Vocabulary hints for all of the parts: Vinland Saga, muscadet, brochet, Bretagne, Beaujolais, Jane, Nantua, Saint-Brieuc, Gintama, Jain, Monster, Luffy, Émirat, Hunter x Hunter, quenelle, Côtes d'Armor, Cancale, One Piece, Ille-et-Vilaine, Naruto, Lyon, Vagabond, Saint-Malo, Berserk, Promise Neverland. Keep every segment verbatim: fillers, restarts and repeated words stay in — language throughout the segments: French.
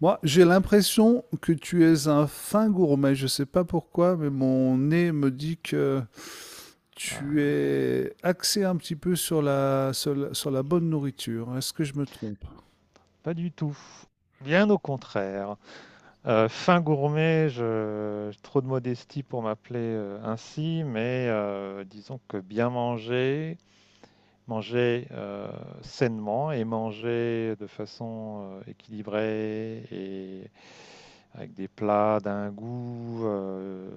Moi, j'ai l'impression que tu es un fin gourmet. Je sais pas pourquoi, mais mon nez me dit que tu Ah, es axé un petit peu sur la, sur la, sur la bonne nourriture. Est-ce que je me trompe? pas du tout. Bien au contraire. Euh, fin gourmet, je... j'ai trop de modestie pour m'appeler euh, ainsi, mais euh, disons que bien manger, manger euh, sainement et manger de façon euh, équilibrée et avec des plats d'un goût euh,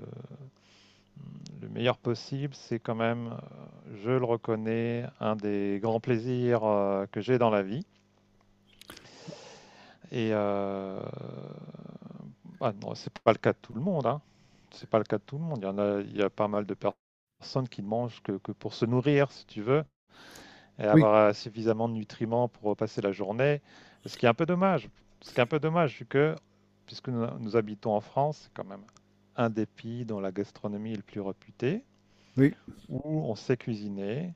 le meilleur possible, c'est quand même, euh, je le reconnais, un des grands plaisirs euh, que j'ai dans la vie. Et euh, Ah non, c'est pas le cas de tout le monde, hein. C'est pas le cas de tout le monde. Il y en a, il y a pas mal de per- personnes qui ne mangent que, que pour se nourrir, si tu veux, et Oui, avoir euh, suffisamment de nutriments pour euh, passer la journée. Ce qui est un peu dommage. Ce qui est un peu dommage, vu que, puisque nous, nous habitons en France, c'est quand même un des pays dont la gastronomie est le plus réputée, oui. où on sait cuisiner,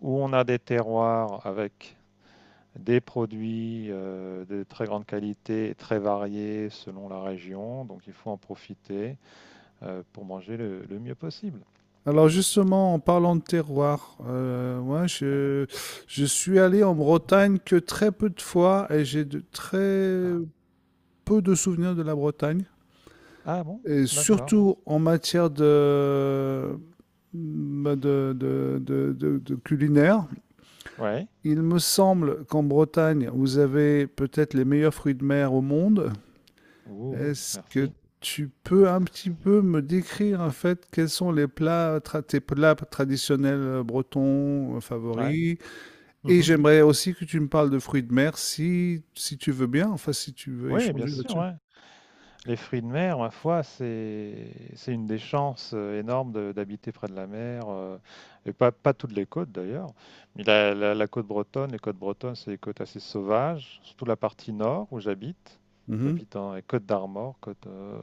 où on a des terroirs avec des produits euh, de très grande qualité, très variés selon la région. Donc il faut en profiter euh, pour manger le, le mieux possible. Alors justement, en parlant de terroir, euh, moi, Ouais. je, je suis allé en Bretagne que très peu de fois et j'ai de très Ah. peu de souvenirs de la Bretagne. Ah bon? Et D'accord. surtout en matière de, bah, de, de, de- de- de culinaire. Ouais. Il me semble qu'en Bretagne, vous avez peut-être les meilleurs fruits de mer au monde. Oh, Est-ce que merci. tu peux un petit peu me décrire en fait quels sont les plats, tra- tes plats traditionnels euh, bretons euh, Ouais. favoris? Et Mhm. j'aimerais aussi que tu me parles de fruits de mer si, si tu veux bien, enfin si tu veux Oui, bien échanger sûr, là-dessus. ouais. Les fruits de mer, ma foi, c'est c'est une des chances euh, énormes de- d'habiter près de la mer, euh, et pas, pas toutes les côtes d'ailleurs. Mais la, la- la côte bretonne, les côtes bretonnes, c'est des côtes assez sauvages, surtout la partie nord où j'habite. Mhm, J'habite dans les côtes d'Armor, côte euh,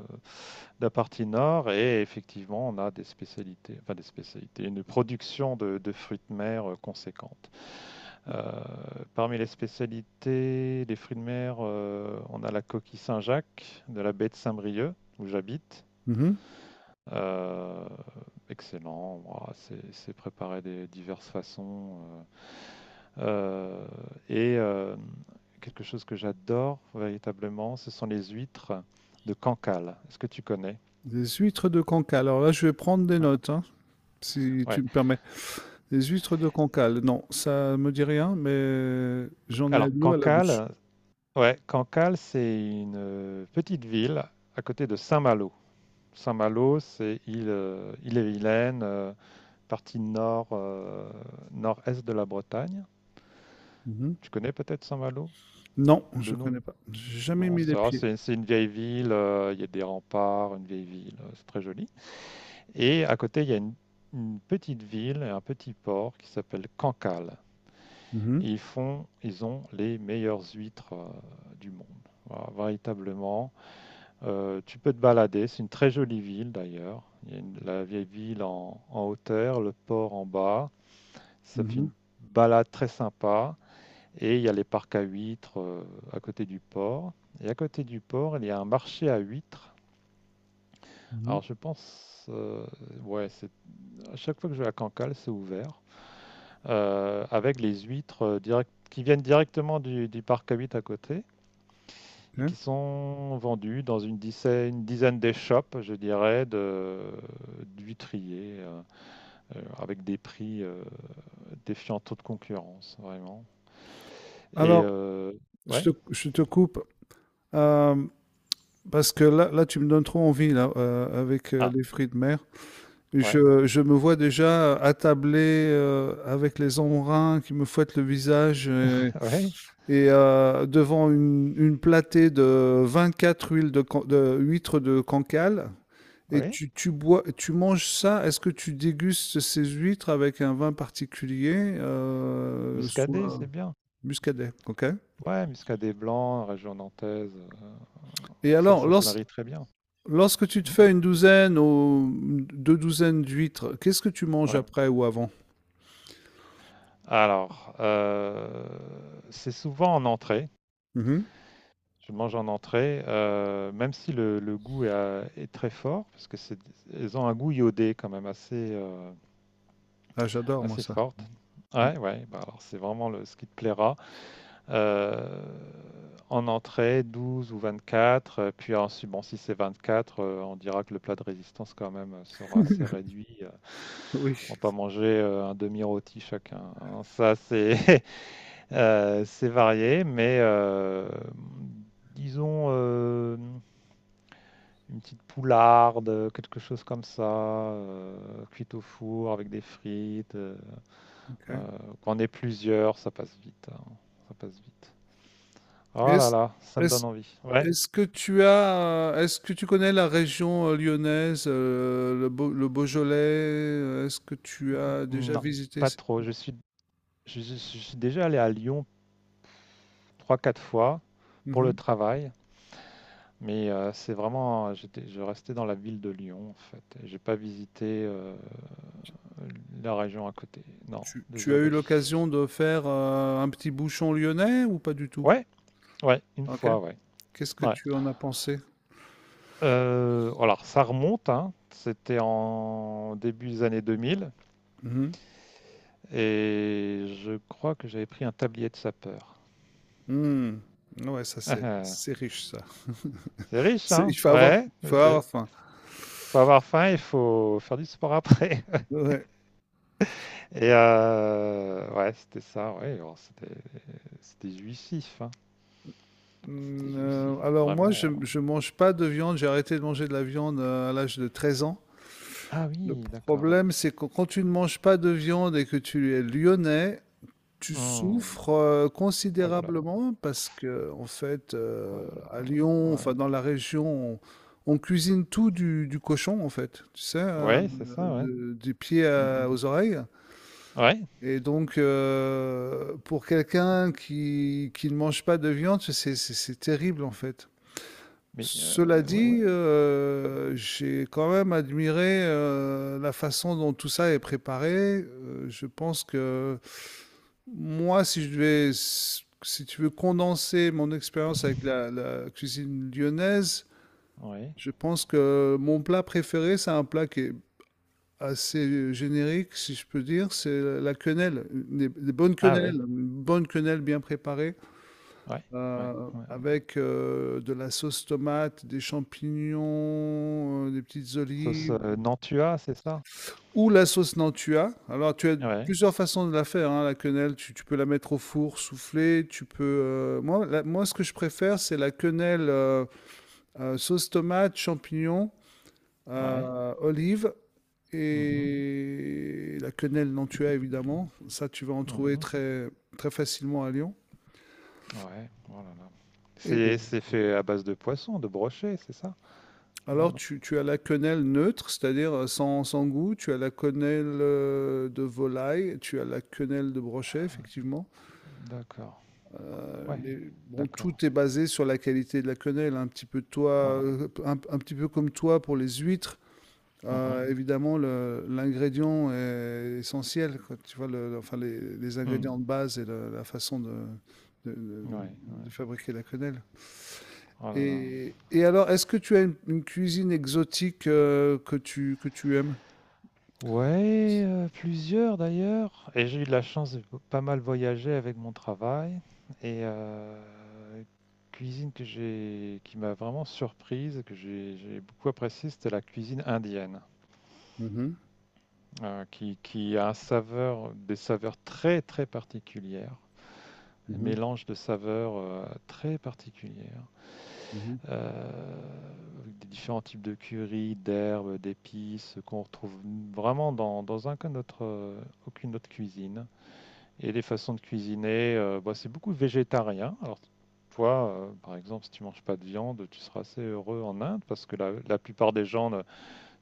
de la partie nord, et effectivement, on a des spécialités, enfin des spécialités, une production de, de fruits de mer euh, conséquente. Euh, Parmi les spécialités des fruits de mer, euh, on a la coquille Saint-Jacques de la baie de Saint-Brieuc, où j'habite. mhm. Euh, Excellent, ouah, c'est c'est préparé de diverses façons. euh. Euh, et euh, Quelque chose que j'adore véritablement, ce sont les huîtres de Cancale. Est-ce que tu connais? Des huîtres de Cancale. Alors là, je vais prendre des Ouais. notes, hein, si tu Ouais. me permets. Les huîtres de Cancale, non, ça me dit rien, mais j'en ai Alors, de l'eau à la bouche. Cancale, ouais, Cancale, c'est une petite ville à côté de Saint-Malo. Saint-Malo, c'est île, euh, Ille-et-Vilaine, euh, partie nord, euh, nord-est de la Bretagne. Mhm. Tu connais peut-être Saint-Malo Non, de je nom? connais pas. J'ai jamais Non, mis les ça, pieds. c'est c'est une vieille ville, euh, il y a des remparts, une vieille ville, euh, c'est très joli. Et à côté, il y a une, une petite ville et un petit port qui s'appelle Cancale. Mhm, Et ils font, ils ont les meilleures huîtres euh, du monde. Voilà, véritablement. Euh, tu peux te balader, c'est une très jolie ville d'ailleurs. Il y a une- La vieille ville en, en hauteur, le port en bas. Ça fait mhm, une balade très sympa. Et il y a les parcs à huîtres euh, à côté du port. Et à côté du port, il y a un marché à huîtres. mhm. Alors je pense, euh, ouais, c'est, à chaque fois que je vais à Cancale, c'est ouvert. Euh, avec les huîtres euh, direct, qui viennent directement du, du parc à huîtres à côté, et Ok. qui sont vendus dans une dizaine, une dizaine des shops, je dirais, de, d'huîtriers, euh, avec des prix euh, défiant toute concurrence, vraiment. Et Alors, euh, je ouais, te, je te coupe euh, parce que là, là, tu me donnes trop envie là, euh, avec euh, ah, les fruits de mer. ouais, Je, je me vois déjà attablé euh, avec les embruns qui me fouettent le visage et, ouais, et, euh, devant une, une platée de vingt-quatre huiles de, can- de huîtres de Cancale. Et ouais, tu, tu bois, tu manges ça, est-ce que tu dégustes ces huîtres avec un vin particulier, euh, muscadet, soit c'est bien. muscadet, ok? Ouais, muscadet blanc, région nantaise, euh, Et ça, alors, ça lors- se marie très bien. lorsque tu te Hmm, fais une douzaine ou deux douzaines d'huîtres, qu'est-ce que tu manges ouais. après ou avant? Alors, euh, c'est souvent en entrée. Mhm. Je mange en entrée, euh, même si le, le goût est, euh, est très fort, parce que c'est, elles ont un goût iodé quand même assez, euh, Ah, j'adore moi assez ça. forte. Mm. Ouais, ouais, bah alors c'est vraiment le, ce qui te plaira. Euh, En entrée, douze ou vingt-quatre, euh, puis ensuite, bon, si c'est vingt-quatre, euh, on dira que le plat de résistance quand même euh, sera assez réduit. euh, Oui. On va pas manger euh, un demi-rôti chacun, hein. Ça, c'est euh, c'est varié, mais euh, disons, euh, une petite poularde, euh, quelque chose comme ça, euh, cuite au four avec des frites. euh, Ok. euh, Quand on est plusieurs, ça passe vite, hein. Ça passe vite. Oh là Est-ce, là, ça me est-ce, donne envie. Ouais. est-ce que tu as, euh, est-ce que tu connais la région euh, lyonnaise, euh, le, Beau- le Beaujolais? euh, Est-ce que tu Mm, as déjà non, visité? pas cette- trop. Je suis, je, je- je suis déjà allé à Lyon trois quatre fois pour le Mhm. travail, mais euh, c'est vraiment, euh, j'étais, je restais dans la ville de Lyon en fait. J'ai pas visité euh, la région à côté. Non, Tu tu as eu désolé. l'occasion de faire, heu, un petit bouchon lyonnais ou pas du tout? Ouais, ouais, une OK. fois, ouais. Qu'est-ce que Ouais. tu en as pensé? Euh, alors, ça remonte, hein. C'était en début des années deux mille, Mmh et je crois que j'avais pris un tablier de sapeur. mh. Mmh. Ouais, ça c'est c'est riche ça. C'est riche, C'est hein? il faut avoir Ouais, faut c'est- avoir faim. faut avoir faim, il faut faire du sport après. Ouais. Et euh, ouais, c'était ça, ouais, alors c'était c'était jouissif, hein. C'était Mmh, jouissif, heu, alors moi je vraiment. je mange pas de viande, j'ai arrêté de manger de la viande, heu, à l'âge de treize ans. Ah Le oui, d'accord. problème, c'est que quand tu ne manges pas de viande et que tu es lyonnais, tu Hmm. souffres euh, Oh là là, considérablement parce que, en fait, oh euh, là à là, Lyon, ouais. enfin dans la région, on, on cuisine tout du, du cochon, en fait, tu sais, euh, Ouais, c'est ça, ouais. de- des pieds Mhm. à- aux oreilles. Ouais, Et donc, euh, pour quelqu'un qui, qui ne mange pas de viande, c'est c'est- c'est terrible, en fait. mais euh, Cela ouais, dit, ouais, euh, j'ai quand même admiré euh, la façon dont tout ça est préparé. Euh, je pense que moi, si je devais, si tu veux condenser mon expérience avec la, la cuisine lyonnaise, ouais. je pense que mon plat préféré, c'est un plat qui est assez euh, générique, si je peux dire, c'est la quenelle, des, des bonnes Ah quenelles, oui. une bonne quenelle bien préparée, Ouais, ouais, euh, ouais. avec euh, de la sauce tomate, des champignons, euh, des petites Sauce, olives, heu, Nantua, c'est ça? ou la sauce Nantua. Alors, tu as Ouais, plusieurs façons de la faire, hein, la quenelle. Tu, tu peux la mettre au four, souffler. Tu peux. Euh, moi, la- moi, ce que je préfère, c'est la quenelle euh, euh, sauce tomate, champignons, ouais. euh, olive Mmh mh. et la quenelle Nantua, évidemment. Ça, tu vas en trouver Mmh. très, très facilement à Lyon. Ouais, oh là là. Et C'est C'est- c'est fait à base de poisson, de brochet, c'est ça? alors, Non? tu, tu as la quenelle neutre, c'est-à-dire euh, sans, sans goût. Tu as la quenelle euh, de volaille. Tu as la quenelle de brochet, Ah, effectivement. d'accord, Euh, ouais, mais bon, d'accord, tout est basé sur la qualité de la quenelle, un petit peu de toi, ouais. euh, un, un petit peu comme toi pour les huîtres. Mmh mh. Euh, évidemment, le- l'ingrédient est essentiel, quoi. Tu vois, le- le- enfin, les, les Mmh. ingrédients de base et le- la façon de, de- de- Ouais, ouais. de fabriquer la quenelle. Oh là là. Et, et alors, est-ce que tu as une, une cuisine exotique euh, que tu, que tu aimes? Ouais, euh, plusieurs d'ailleurs. Et j'ai eu de la chance de pas mal voyager avec mon travail. Et euh, cuisine que j'ai, qui m'a vraiment surprise, que j'ai j'ai beaucoup appréciée, c'était la cuisine indienne, Mhm, euh, qui, qui a un saveur, des saveurs très très particulières, un mhm, mélange de saveurs euh, très particulières, mhm, euh, avec des différents types de curry, d'herbes, d'épices qu'on retrouve vraiment dans, dans aucun autre, euh, aucune autre cuisine. Et les façons de cuisiner, euh, bah, c'est beaucoup végétarien. Alors, toi, euh, par exemple, si tu manges pas de viande, tu seras assez heureux en Inde parce que la, la plupart des gens ne-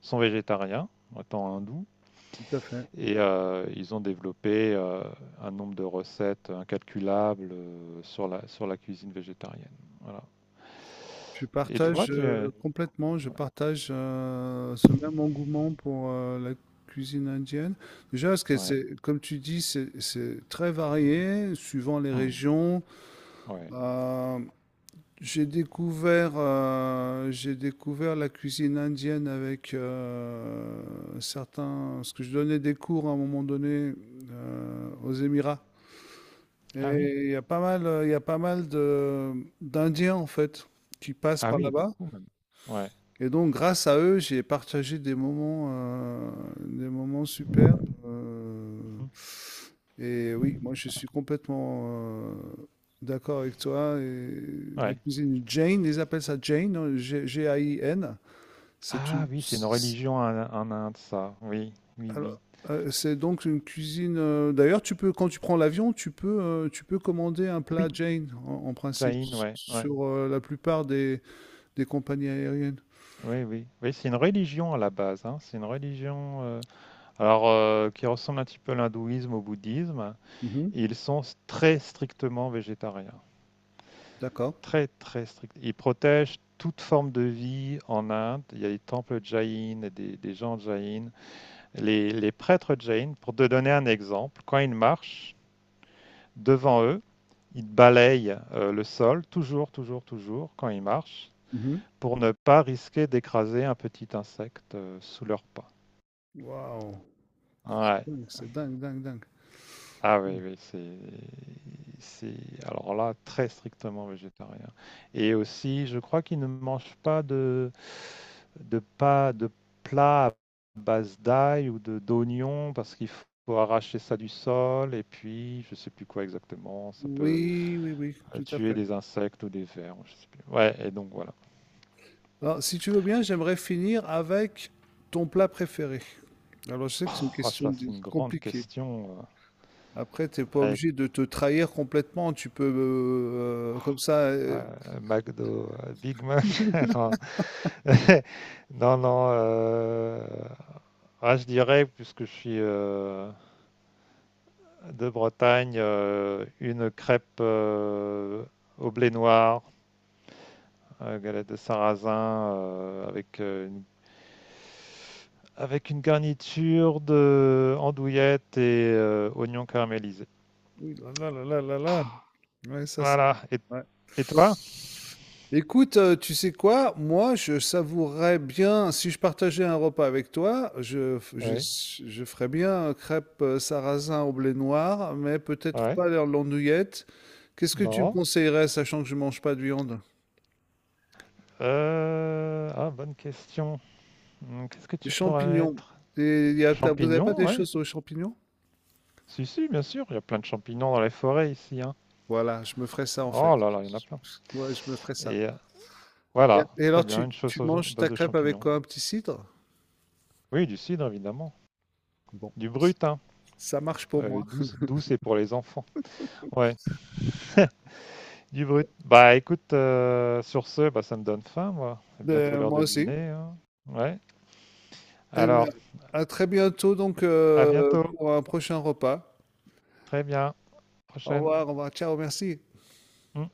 sont végétariens, étant hindous, Tout à fait. et euh, ils ont développé euh, un nombre de recettes incalculables euh, sur la, sur la cuisine végétarienne. Voilà. Je Et toi, partage tu euh, es... complètement, je partage euh, ce même engouement pour euh, la cuisine indienne. Déjà, parce que Ouais. c'est, comme tu dis, c'est c'est très varié suivant les Hmm. régions. Ouais. Euh, j'ai découvert, euh, j'ai découvert la cuisine indienne avec euh, certains, parce que je donnais des cours à un moment donné euh, aux Émirats. Ah oui. Et il y a pas mal, il y a pas mal de d'Indiens en fait qui passent Ah par oui, là-bas. beaucoup même. Ouais. Et donc, grâce à eux, j'ai partagé des moments, euh, des moments super. Euh, Mhm. et oui, moi, je suis complètement euh, d'accord avec toi. Et la Ouais. cuisine Jane, ils appellent ça Jane, hein, G- G-A-I-N. C'est Ah une, oui, c'est une c'est religion en, en Inde, ça. Oui, oui, oui. alors, euh, c'est donc une cuisine. Euh, d'ailleurs, tu peux, quand tu prends l'avion, tu peux, euh, tu peux commander un plat Oui, Jane en, en principe Jain, ouais, ouais, sur euh, la plupart des, des compagnies aériennes. oui, oui, oui, c'est une religion à la base, hein. C'est une religion, euh, alors euh, qui ressemble un petit peu à l'hindouisme, au bouddhisme, Mhm, et ils sont s- très strictement végétariens, d'accord. très très strict. Ils protègent toute forme de vie en Inde. Il y a des temples Jain, et des, des gens Jain, les, les prêtres Jain. Pour te donner un exemple, quand ils marchent devant eux, ils balayent euh, le sol, toujours, toujours, toujours quand ils marchent, Mhm. pour ne pas risquer d'écraser un petit insecte euh, sous leur pas. Waouh! Ouais. Dingue, c'est dingue, dingue, dingue. Ah oui, Mm. oui, c'est, c'est alors là très strictement végétarien. Et aussi, je crois qu'ils ne mangent pas de de pas de plats à base d'ail ou de d'oignons, parce qu'il faut arracher ça du sol et puis je sais plus quoi exactement. Ça peut Oui, oui, oui, euh, tout à tuer fait. des insectes ou des vers, je sais plus. Ouais, et donc voilà. Alors, si tu veux bien, j'aimerais finir avec ton plat préféré. Alors, je sais que c'est une Oh, question ça c'est di- une grande compliquée. question. Euh, Après, t'es pas à obligé de te trahir complètement. Tu peux, euh, euh, comme ça, Ouais, euh. euh, McDo, euh, Big Mac. Non, non, non, euh, ah, je dirais, puisque je suis euh, de Bretagne, euh, une crêpe euh, au blé noir, euh, galette de sarrasin, euh, avec, euh, une, avec une garniture de andouillette et euh, oignons caramélisés. Oui, là là là là là là. Ouais, ça c'est Voilà. Et, ouais. et toi? Écoute, heu, tu sais quoi? Moi, je savourerais bien si je partageais un repas avec toi, je f je Oui. je ferais bien, heu, crêpes, heu, sarrasin au blé noir, mais peut-être Ouais. pas leur l'andouillette. Qu'est-ce que tu me Non. conseillerais, sachant que je mange pas de viande? Euh, Ah, bonne question. Hum, Qu'est-ce que Des tu pourrais champignons. mettre? Des y a tu vous avez pas Champignons, des ouais. choses aux champignons? Si, si, bien sûr, il y a plein de champignons dans les forêts ici, hein. Voilà, je me ferais ça, en fait. Oh là là, il y en a plein. Ouais, je me ferais ça. Et euh, Et voilà, et très alors bien, tu une chose tu à manges base ta de crêpe avec champignons. quoi? Un petit cidre? Oui, du cidre, évidemment. Bon, Du c- brut, hein. ça marche pour Euh, moi. Douce, douce et pour les enfants. Ouais, du brut. Bah écoute, euh, sur ce, bah, ça me donne faim, moi. C'est bientôt Euh, l'heure moi de aussi. dîner, hein. Ouais. Eh bien, Alors, à très bientôt donc à euh, bientôt. pour un prochain repas. Très bien. Au Prochaine. revoir, au revoir, ciao, merci. Mm.